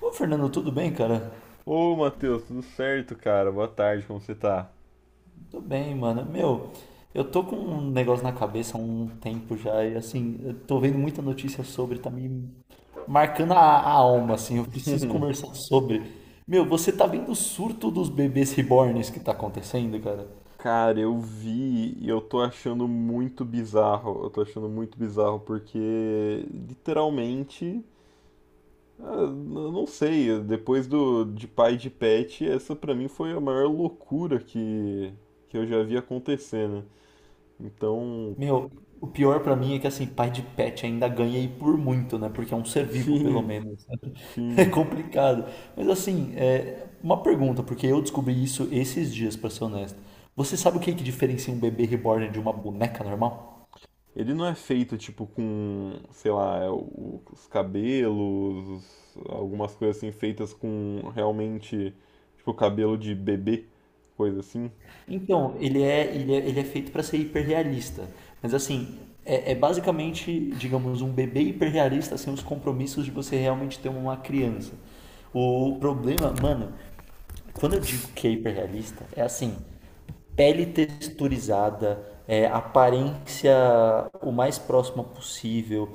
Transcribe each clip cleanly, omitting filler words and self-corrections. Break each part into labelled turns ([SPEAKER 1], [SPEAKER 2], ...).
[SPEAKER 1] Ô, Fernando, tudo bem, cara?
[SPEAKER 2] Ô, Matheus, tudo certo, cara? Boa tarde, como você tá?
[SPEAKER 1] Tudo bem, mano. Meu, eu tô com um negócio na cabeça há um tempo já e assim, eu tô vendo muita notícia sobre, tá me marcando a alma, assim, eu preciso conversar sobre. Meu, você tá vendo o surto dos bebês reborns que tá acontecendo, cara?
[SPEAKER 2] Cara, eu vi e eu tô achando muito bizarro. Eu tô achando muito bizarro porque, literalmente, eu não sei, depois do de pai de pet, essa pra mim foi a maior loucura que eu já vi acontecer, né? Então,
[SPEAKER 1] Meu, o pior pra mim é que assim, pai de pet ainda ganha e por muito, né? Porque é um ser vivo, pelo
[SPEAKER 2] sim,
[SPEAKER 1] menos. É
[SPEAKER 2] sim.
[SPEAKER 1] complicado. Mas assim, uma pergunta, porque eu descobri isso esses dias, pra ser honesto. Você sabe o que é que diferencia um bebê reborn de uma boneca normal?
[SPEAKER 2] Ele não é feito tipo com, sei lá, os cabelos, algumas coisas assim feitas com realmente tipo cabelo de bebê, coisa assim.
[SPEAKER 1] Então, ele é feito para ser hiperrealista. Mas assim, é, é basicamente, digamos, um bebê hiperrealista sem os compromissos de você realmente ter uma criança. O problema, mano, quando eu digo que é hiperrealista, é assim, pele texturizada, aparência o mais próxima possível,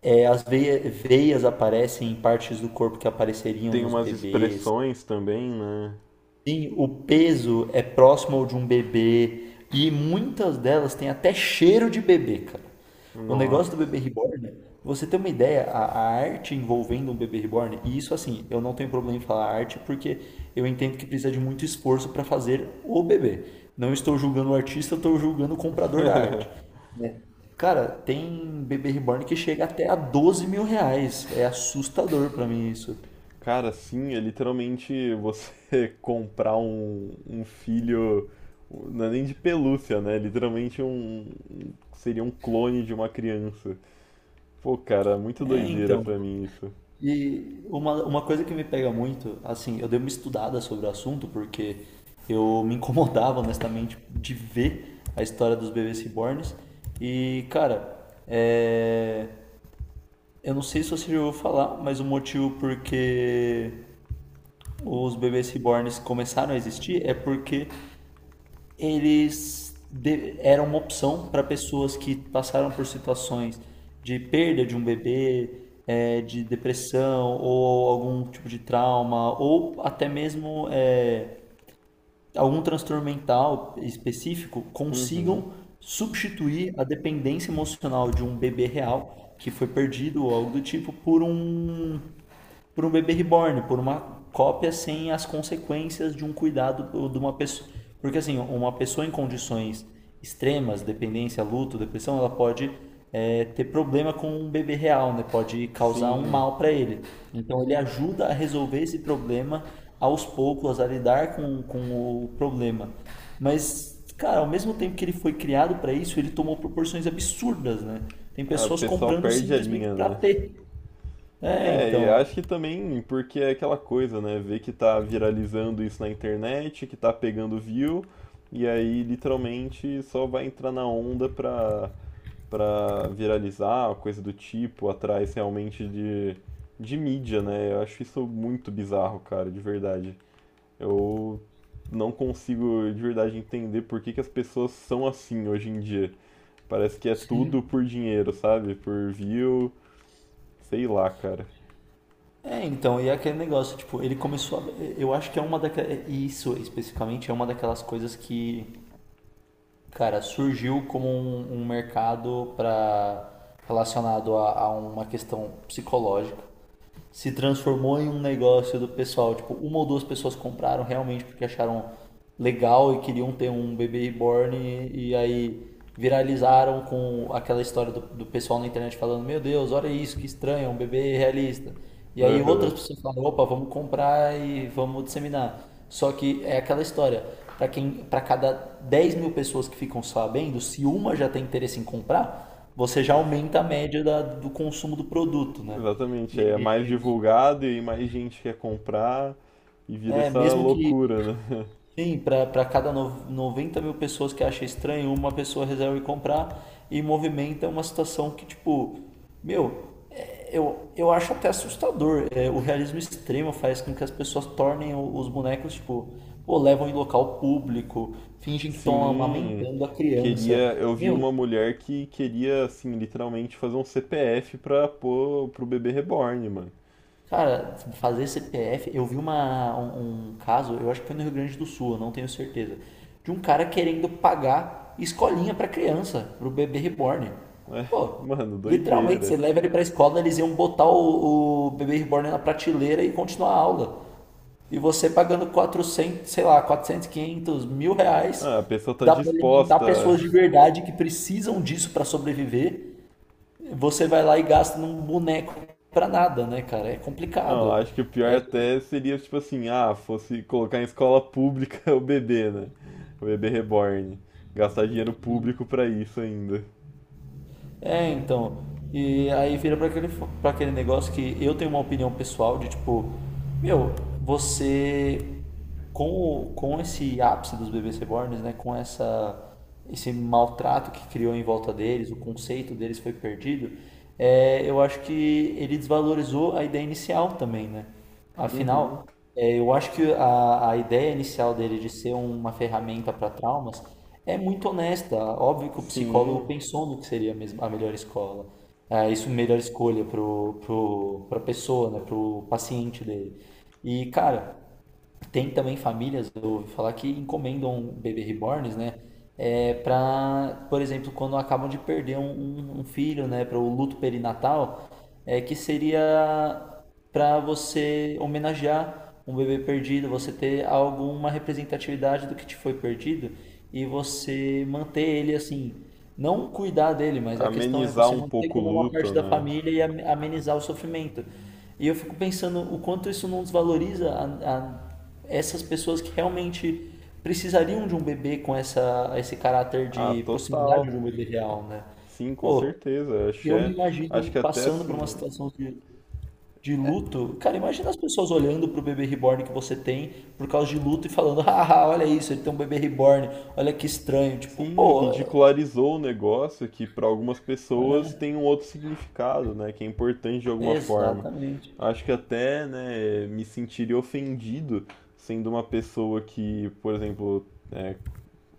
[SPEAKER 1] é, as veias aparecem em partes do corpo que apareceriam
[SPEAKER 2] Tem
[SPEAKER 1] nos
[SPEAKER 2] umas
[SPEAKER 1] bebês.
[SPEAKER 2] expressões também, né?
[SPEAKER 1] Sim, o peso é próximo ao de um bebê e muitas delas têm até cheiro de bebê, cara. O negócio do
[SPEAKER 2] Nossa.
[SPEAKER 1] bebê reborn, você tem uma ideia, a arte envolvendo um bebê reborn, e isso assim, eu não tenho problema em falar arte porque eu entendo que precisa de muito esforço para fazer o bebê. Não estou julgando o artista, eu estou julgando o comprador da arte, né? Cara, tem bebê reborn que chega até a R$ 12.000. É assustador pra mim isso.
[SPEAKER 2] Cara, sim, é literalmente você comprar um filho, não é nem de pelúcia, né? Literalmente seria um clone de uma criança. Pô, cara, muito
[SPEAKER 1] É,
[SPEAKER 2] doideira
[SPEAKER 1] então.
[SPEAKER 2] pra mim isso.
[SPEAKER 1] E uma coisa que me pega muito, assim, eu dei uma estudada sobre o assunto porque eu me incomodava, honestamente, de ver a história dos bebês reborns. E, cara, é... eu não sei se você já ouviu falar, mas o motivo porque os bebês reborns começaram a existir é porque eram uma opção para pessoas que passaram por situações de perda de um bebê, é, de depressão ou algum tipo de trauma ou até mesmo, algum transtorno mental específico
[SPEAKER 2] Uhum.
[SPEAKER 1] consigam substituir a dependência emocional de um bebê real que foi perdido ou algo do tipo por um bebê reborn, por uma cópia sem as consequências de um cuidado de uma pessoa. Porque assim, uma pessoa em condições extremas, dependência, luto, depressão, ela pode, ter problema com um bebê real, né? Pode causar um
[SPEAKER 2] Sim.
[SPEAKER 1] mal para ele. Então ele ajuda a resolver esse problema aos poucos, a lidar com o problema. Mas, cara, ao mesmo tempo que ele foi criado para isso, ele tomou proporções absurdas, né? Tem
[SPEAKER 2] Ah, o
[SPEAKER 1] pessoas
[SPEAKER 2] pessoal
[SPEAKER 1] comprando
[SPEAKER 2] perde a
[SPEAKER 1] simplesmente
[SPEAKER 2] linha,
[SPEAKER 1] para
[SPEAKER 2] né?
[SPEAKER 1] ter. É,
[SPEAKER 2] É, e acho
[SPEAKER 1] então.
[SPEAKER 2] que também porque é aquela coisa, né? Ver que tá viralizando isso na internet, que tá pegando view, e aí literalmente só vai entrar na onda pra viralizar, coisa do tipo, atrás realmente de mídia, né? Eu acho isso muito bizarro, cara, de verdade. Eu não consigo de verdade entender por que que as pessoas são assim hoje em dia. Parece que é tudo
[SPEAKER 1] Sim.
[SPEAKER 2] por dinheiro, sabe? Por view. Sei lá, cara.
[SPEAKER 1] É, então, e é aquele negócio, tipo, ele começou a... Eu acho que é uma daquelas. Isso especificamente é uma daquelas coisas que, cara, surgiu como um mercado para relacionado a uma questão psicológica, se transformou em um negócio do pessoal. Tipo, uma ou duas pessoas compraram realmente porque acharam legal e queriam ter um bebê reborn e aí viralizaram com aquela história do pessoal na internet falando: meu Deus, olha isso, que estranho, é um bebê realista. E aí outras
[SPEAKER 2] Aham.
[SPEAKER 1] pessoas falam: opa, vamos comprar e vamos disseminar. Só que é aquela história, para quem, para cada 10 mil pessoas que ficam sabendo, se uma já tem interesse em comprar, você já aumenta a média do consumo do produto, né?
[SPEAKER 2] Exatamente. É
[SPEAKER 1] E
[SPEAKER 2] mais divulgado e aí mais gente quer comprar e vira
[SPEAKER 1] é,
[SPEAKER 2] essa
[SPEAKER 1] mesmo que,
[SPEAKER 2] loucura, né?
[SPEAKER 1] sim, para cada 90 mil pessoas que acha estranho, uma pessoa resolve comprar e movimenta uma situação que, tipo, meu, é, eu acho até assustador. É, o realismo extremo faz com que as pessoas tornem os bonecos, tipo, pô, levam em local público, fingem que estão
[SPEAKER 2] Sim,
[SPEAKER 1] amamentando a criança.
[SPEAKER 2] queria. Eu vi
[SPEAKER 1] Meu,
[SPEAKER 2] uma mulher que queria, assim, literalmente fazer um CPF pra pôr pro bebê reborn, mano.
[SPEAKER 1] cara, fazer CPF, eu vi um caso, eu acho que foi no Rio Grande do Sul, eu não tenho certeza, de um cara querendo pagar escolinha pra criança, pro bebê reborn.
[SPEAKER 2] É,
[SPEAKER 1] Pô,
[SPEAKER 2] mano,
[SPEAKER 1] literalmente, você
[SPEAKER 2] doideira.
[SPEAKER 1] leva ele pra escola, eles iam botar o bebê reborn na prateleira e continuar a aula. E você pagando quatrocentos, sei lá, 400, 500 mil reais,
[SPEAKER 2] Ah, a pessoa
[SPEAKER 1] que
[SPEAKER 2] tá
[SPEAKER 1] dá pra alimentar
[SPEAKER 2] disposta.
[SPEAKER 1] pessoas de verdade que precisam disso pra sobreviver, você vai lá e gasta num boneco pra nada, né, cara? É
[SPEAKER 2] Não,
[SPEAKER 1] complicado.
[SPEAKER 2] acho que o pior até seria, tipo assim, ah, fosse colocar em escola pública o bebê, né? O bebê reborn. Gastar dinheiro público pra isso ainda.
[SPEAKER 1] É, então. E aí vira pra aquele, pra aquele negócio que eu tenho uma opinião pessoal de tipo, meu, você com esse ápice dos bebês reborns, né, com essa, esse maltrato que criou em volta deles, o conceito deles foi perdido, é, eu acho que ele desvalorizou a ideia inicial também, né?
[SPEAKER 2] Uhum.
[SPEAKER 1] Afinal, é, eu acho que a ideia inicial dele de ser uma ferramenta para traumas é muito honesta. Óbvio que o psicólogo
[SPEAKER 2] Sim,
[SPEAKER 1] pensou no que seria mesmo a melhor escola, é, isso melhor escolha pra pessoa, né, pro paciente dele. E, cara, tem também famílias, eu ouvi falar que encomendam bebê reborns, né? É, para, por exemplo, quando acabam de perder um filho, né? Para o luto perinatal, é que seria para você homenagear um bebê perdido, você ter alguma representatividade do que te foi perdido e você manter ele assim. Não cuidar dele, mas a questão é
[SPEAKER 2] amenizar
[SPEAKER 1] você
[SPEAKER 2] um
[SPEAKER 1] manter
[SPEAKER 2] pouco o
[SPEAKER 1] como uma parte
[SPEAKER 2] luto,
[SPEAKER 1] da
[SPEAKER 2] né?
[SPEAKER 1] família e amenizar o sofrimento. E eu fico pensando o quanto isso não desvaloriza essas pessoas que realmente precisariam de um bebê com essa, esse caráter
[SPEAKER 2] Ah,
[SPEAKER 1] de proximidade
[SPEAKER 2] total.
[SPEAKER 1] de um bebê real, né?
[SPEAKER 2] Sim, com
[SPEAKER 1] Pô,
[SPEAKER 2] certeza.
[SPEAKER 1] eu me
[SPEAKER 2] Acho
[SPEAKER 1] imagino
[SPEAKER 2] que até
[SPEAKER 1] passando por uma
[SPEAKER 2] assim,
[SPEAKER 1] situação de luto. Cara, imagina as pessoas olhando pro bebê reborn que você tem por causa de luto e falando: haha, olha isso, ele tem um bebê reborn, olha que estranho. Tipo,
[SPEAKER 2] sim,
[SPEAKER 1] pô, é,
[SPEAKER 2] ridicularizou o negócio que para algumas pessoas tem um outro significado, né? Que é importante de
[SPEAKER 1] é,
[SPEAKER 2] alguma forma.
[SPEAKER 1] exatamente.
[SPEAKER 2] Acho que até, né, me sentiria ofendido sendo uma pessoa que, por exemplo, é,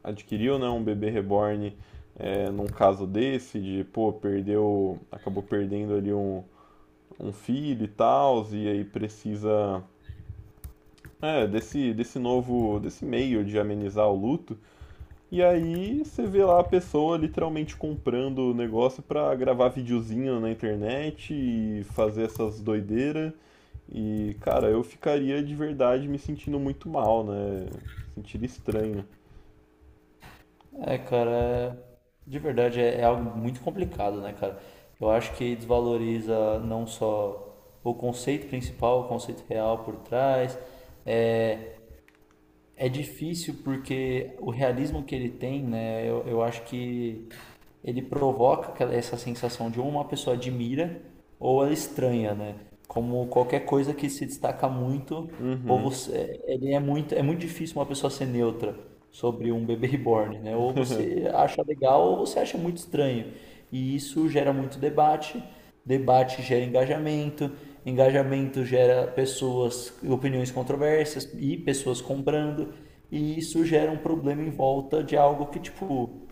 [SPEAKER 2] adquiriu, né, um bebê reborn, é, num caso desse, de, pô, perdeu, acabou perdendo ali um filho e tal, e aí precisa é, desse novo, desse meio de amenizar o luto. E aí você vê lá a pessoa literalmente comprando o negócio pra gravar videozinho na internet e fazer essas doideiras. E, cara, eu ficaria de verdade me sentindo muito mal, né? Sentiria estranho.
[SPEAKER 1] É, cara, de verdade é, é algo muito complicado, né, cara? Eu acho que desvaloriza não só o conceito principal, o conceito real por trás. É difícil porque o realismo que ele tem, né, eu acho que ele provoca essa sensação de ou uma pessoa admira ou ela estranha, né? Como qualquer coisa que se destaca muito, ou
[SPEAKER 2] Uhum.
[SPEAKER 1] você, ele é muito difícil uma pessoa ser neutra sobre um bebê reborn, né? Ou você acha legal ou você acha muito estranho. E isso gera muito debate, debate gera engajamento, engajamento gera pessoas, opiniões controversas e pessoas comprando, e isso gera um problema em volta de algo que, tipo,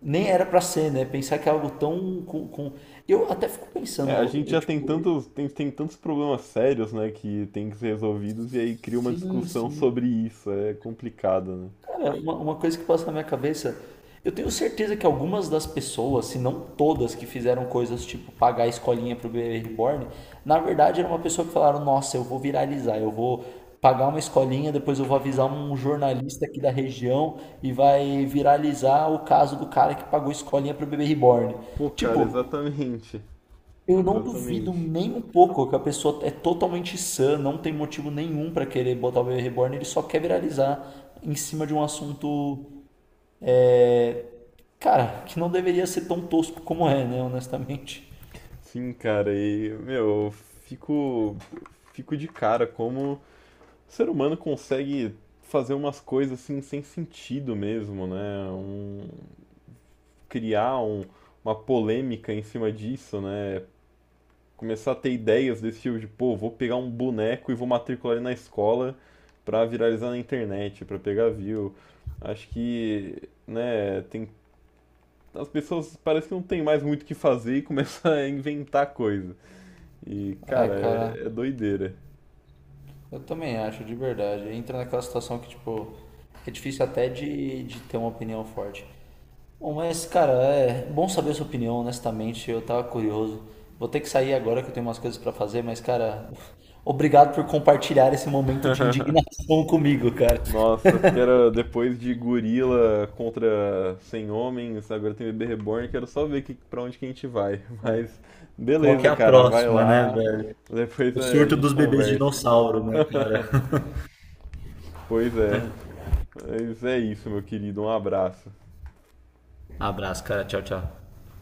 [SPEAKER 1] nem era pra ser, né? Pensar que é algo tão com... Eu até fico
[SPEAKER 2] É, a
[SPEAKER 1] pensando,
[SPEAKER 2] gente
[SPEAKER 1] eu,
[SPEAKER 2] já tem
[SPEAKER 1] tipo,
[SPEAKER 2] tantos, tem tantos problemas sérios, né, que tem que ser resolvidos, e aí cria uma
[SPEAKER 1] sim,
[SPEAKER 2] discussão
[SPEAKER 1] sim.
[SPEAKER 2] sobre isso. É complicado, né?
[SPEAKER 1] Cara, uma coisa que passa na minha cabeça, eu tenho certeza que algumas das pessoas, se não todas, que fizeram coisas tipo pagar a escolinha pro bebê reborn, na verdade era uma pessoa que falaram: nossa, eu vou viralizar, eu vou pagar uma escolinha, depois eu vou avisar um jornalista aqui da região e vai viralizar o caso do cara que pagou escolinha pro bebê reborn.
[SPEAKER 2] Pô, cara,
[SPEAKER 1] Tipo,
[SPEAKER 2] exatamente.
[SPEAKER 1] eu não duvido
[SPEAKER 2] Exatamente.
[SPEAKER 1] nem um pouco que a pessoa é totalmente sã, não tem motivo nenhum pra querer botar o bebê reborn, ele só quer viralizar em cima de um assunto, cara, que não deveria ser tão tosco como é, né, honestamente.
[SPEAKER 2] Sim, cara, e, meu, fico de cara como o ser humano consegue fazer umas coisas assim sem sentido mesmo, né? Um, criar um- uma polêmica em cima disso, né? Começar a ter ideias desse tipo de, pô, vou pegar um boneco e vou matricular ele na escola pra viralizar na internet, pra pegar view. Acho que, né, tem as pessoas parece que não tem mais muito o que fazer e começa a inventar coisa. E,
[SPEAKER 1] É,
[SPEAKER 2] cara,
[SPEAKER 1] cara,
[SPEAKER 2] é, é doideira.
[SPEAKER 1] eu também acho, de verdade. Entra naquela situação que, tipo, é difícil até de ter uma opinião forte. Bom, mas cara, é bom saber a sua opinião, honestamente. Eu tava curioso. Vou ter que sair agora que eu tenho umas coisas pra fazer, mas cara, obrigado por compartilhar esse momento de indignação comigo, cara.
[SPEAKER 2] Nossa, que era depois de gorila contra 100 homens, agora tem bebê reborn, quero só ver que, pra onde que a gente vai. Mas,
[SPEAKER 1] Qual que é
[SPEAKER 2] beleza,
[SPEAKER 1] a
[SPEAKER 2] cara, vai
[SPEAKER 1] próxima, né,
[SPEAKER 2] lá,
[SPEAKER 1] velho?
[SPEAKER 2] depois
[SPEAKER 1] O
[SPEAKER 2] é, a
[SPEAKER 1] surto
[SPEAKER 2] gente
[SPEAKER 1] dos bebês
[SPEAKER 2] conversa.
[SPEAKER 1] dinossauro, né, cara?
[SPEAKER 2] Pois é, mas é isso, meu querido, um abraço.
[SPEAKER 1] Abraço, cara. Tchau, tchau.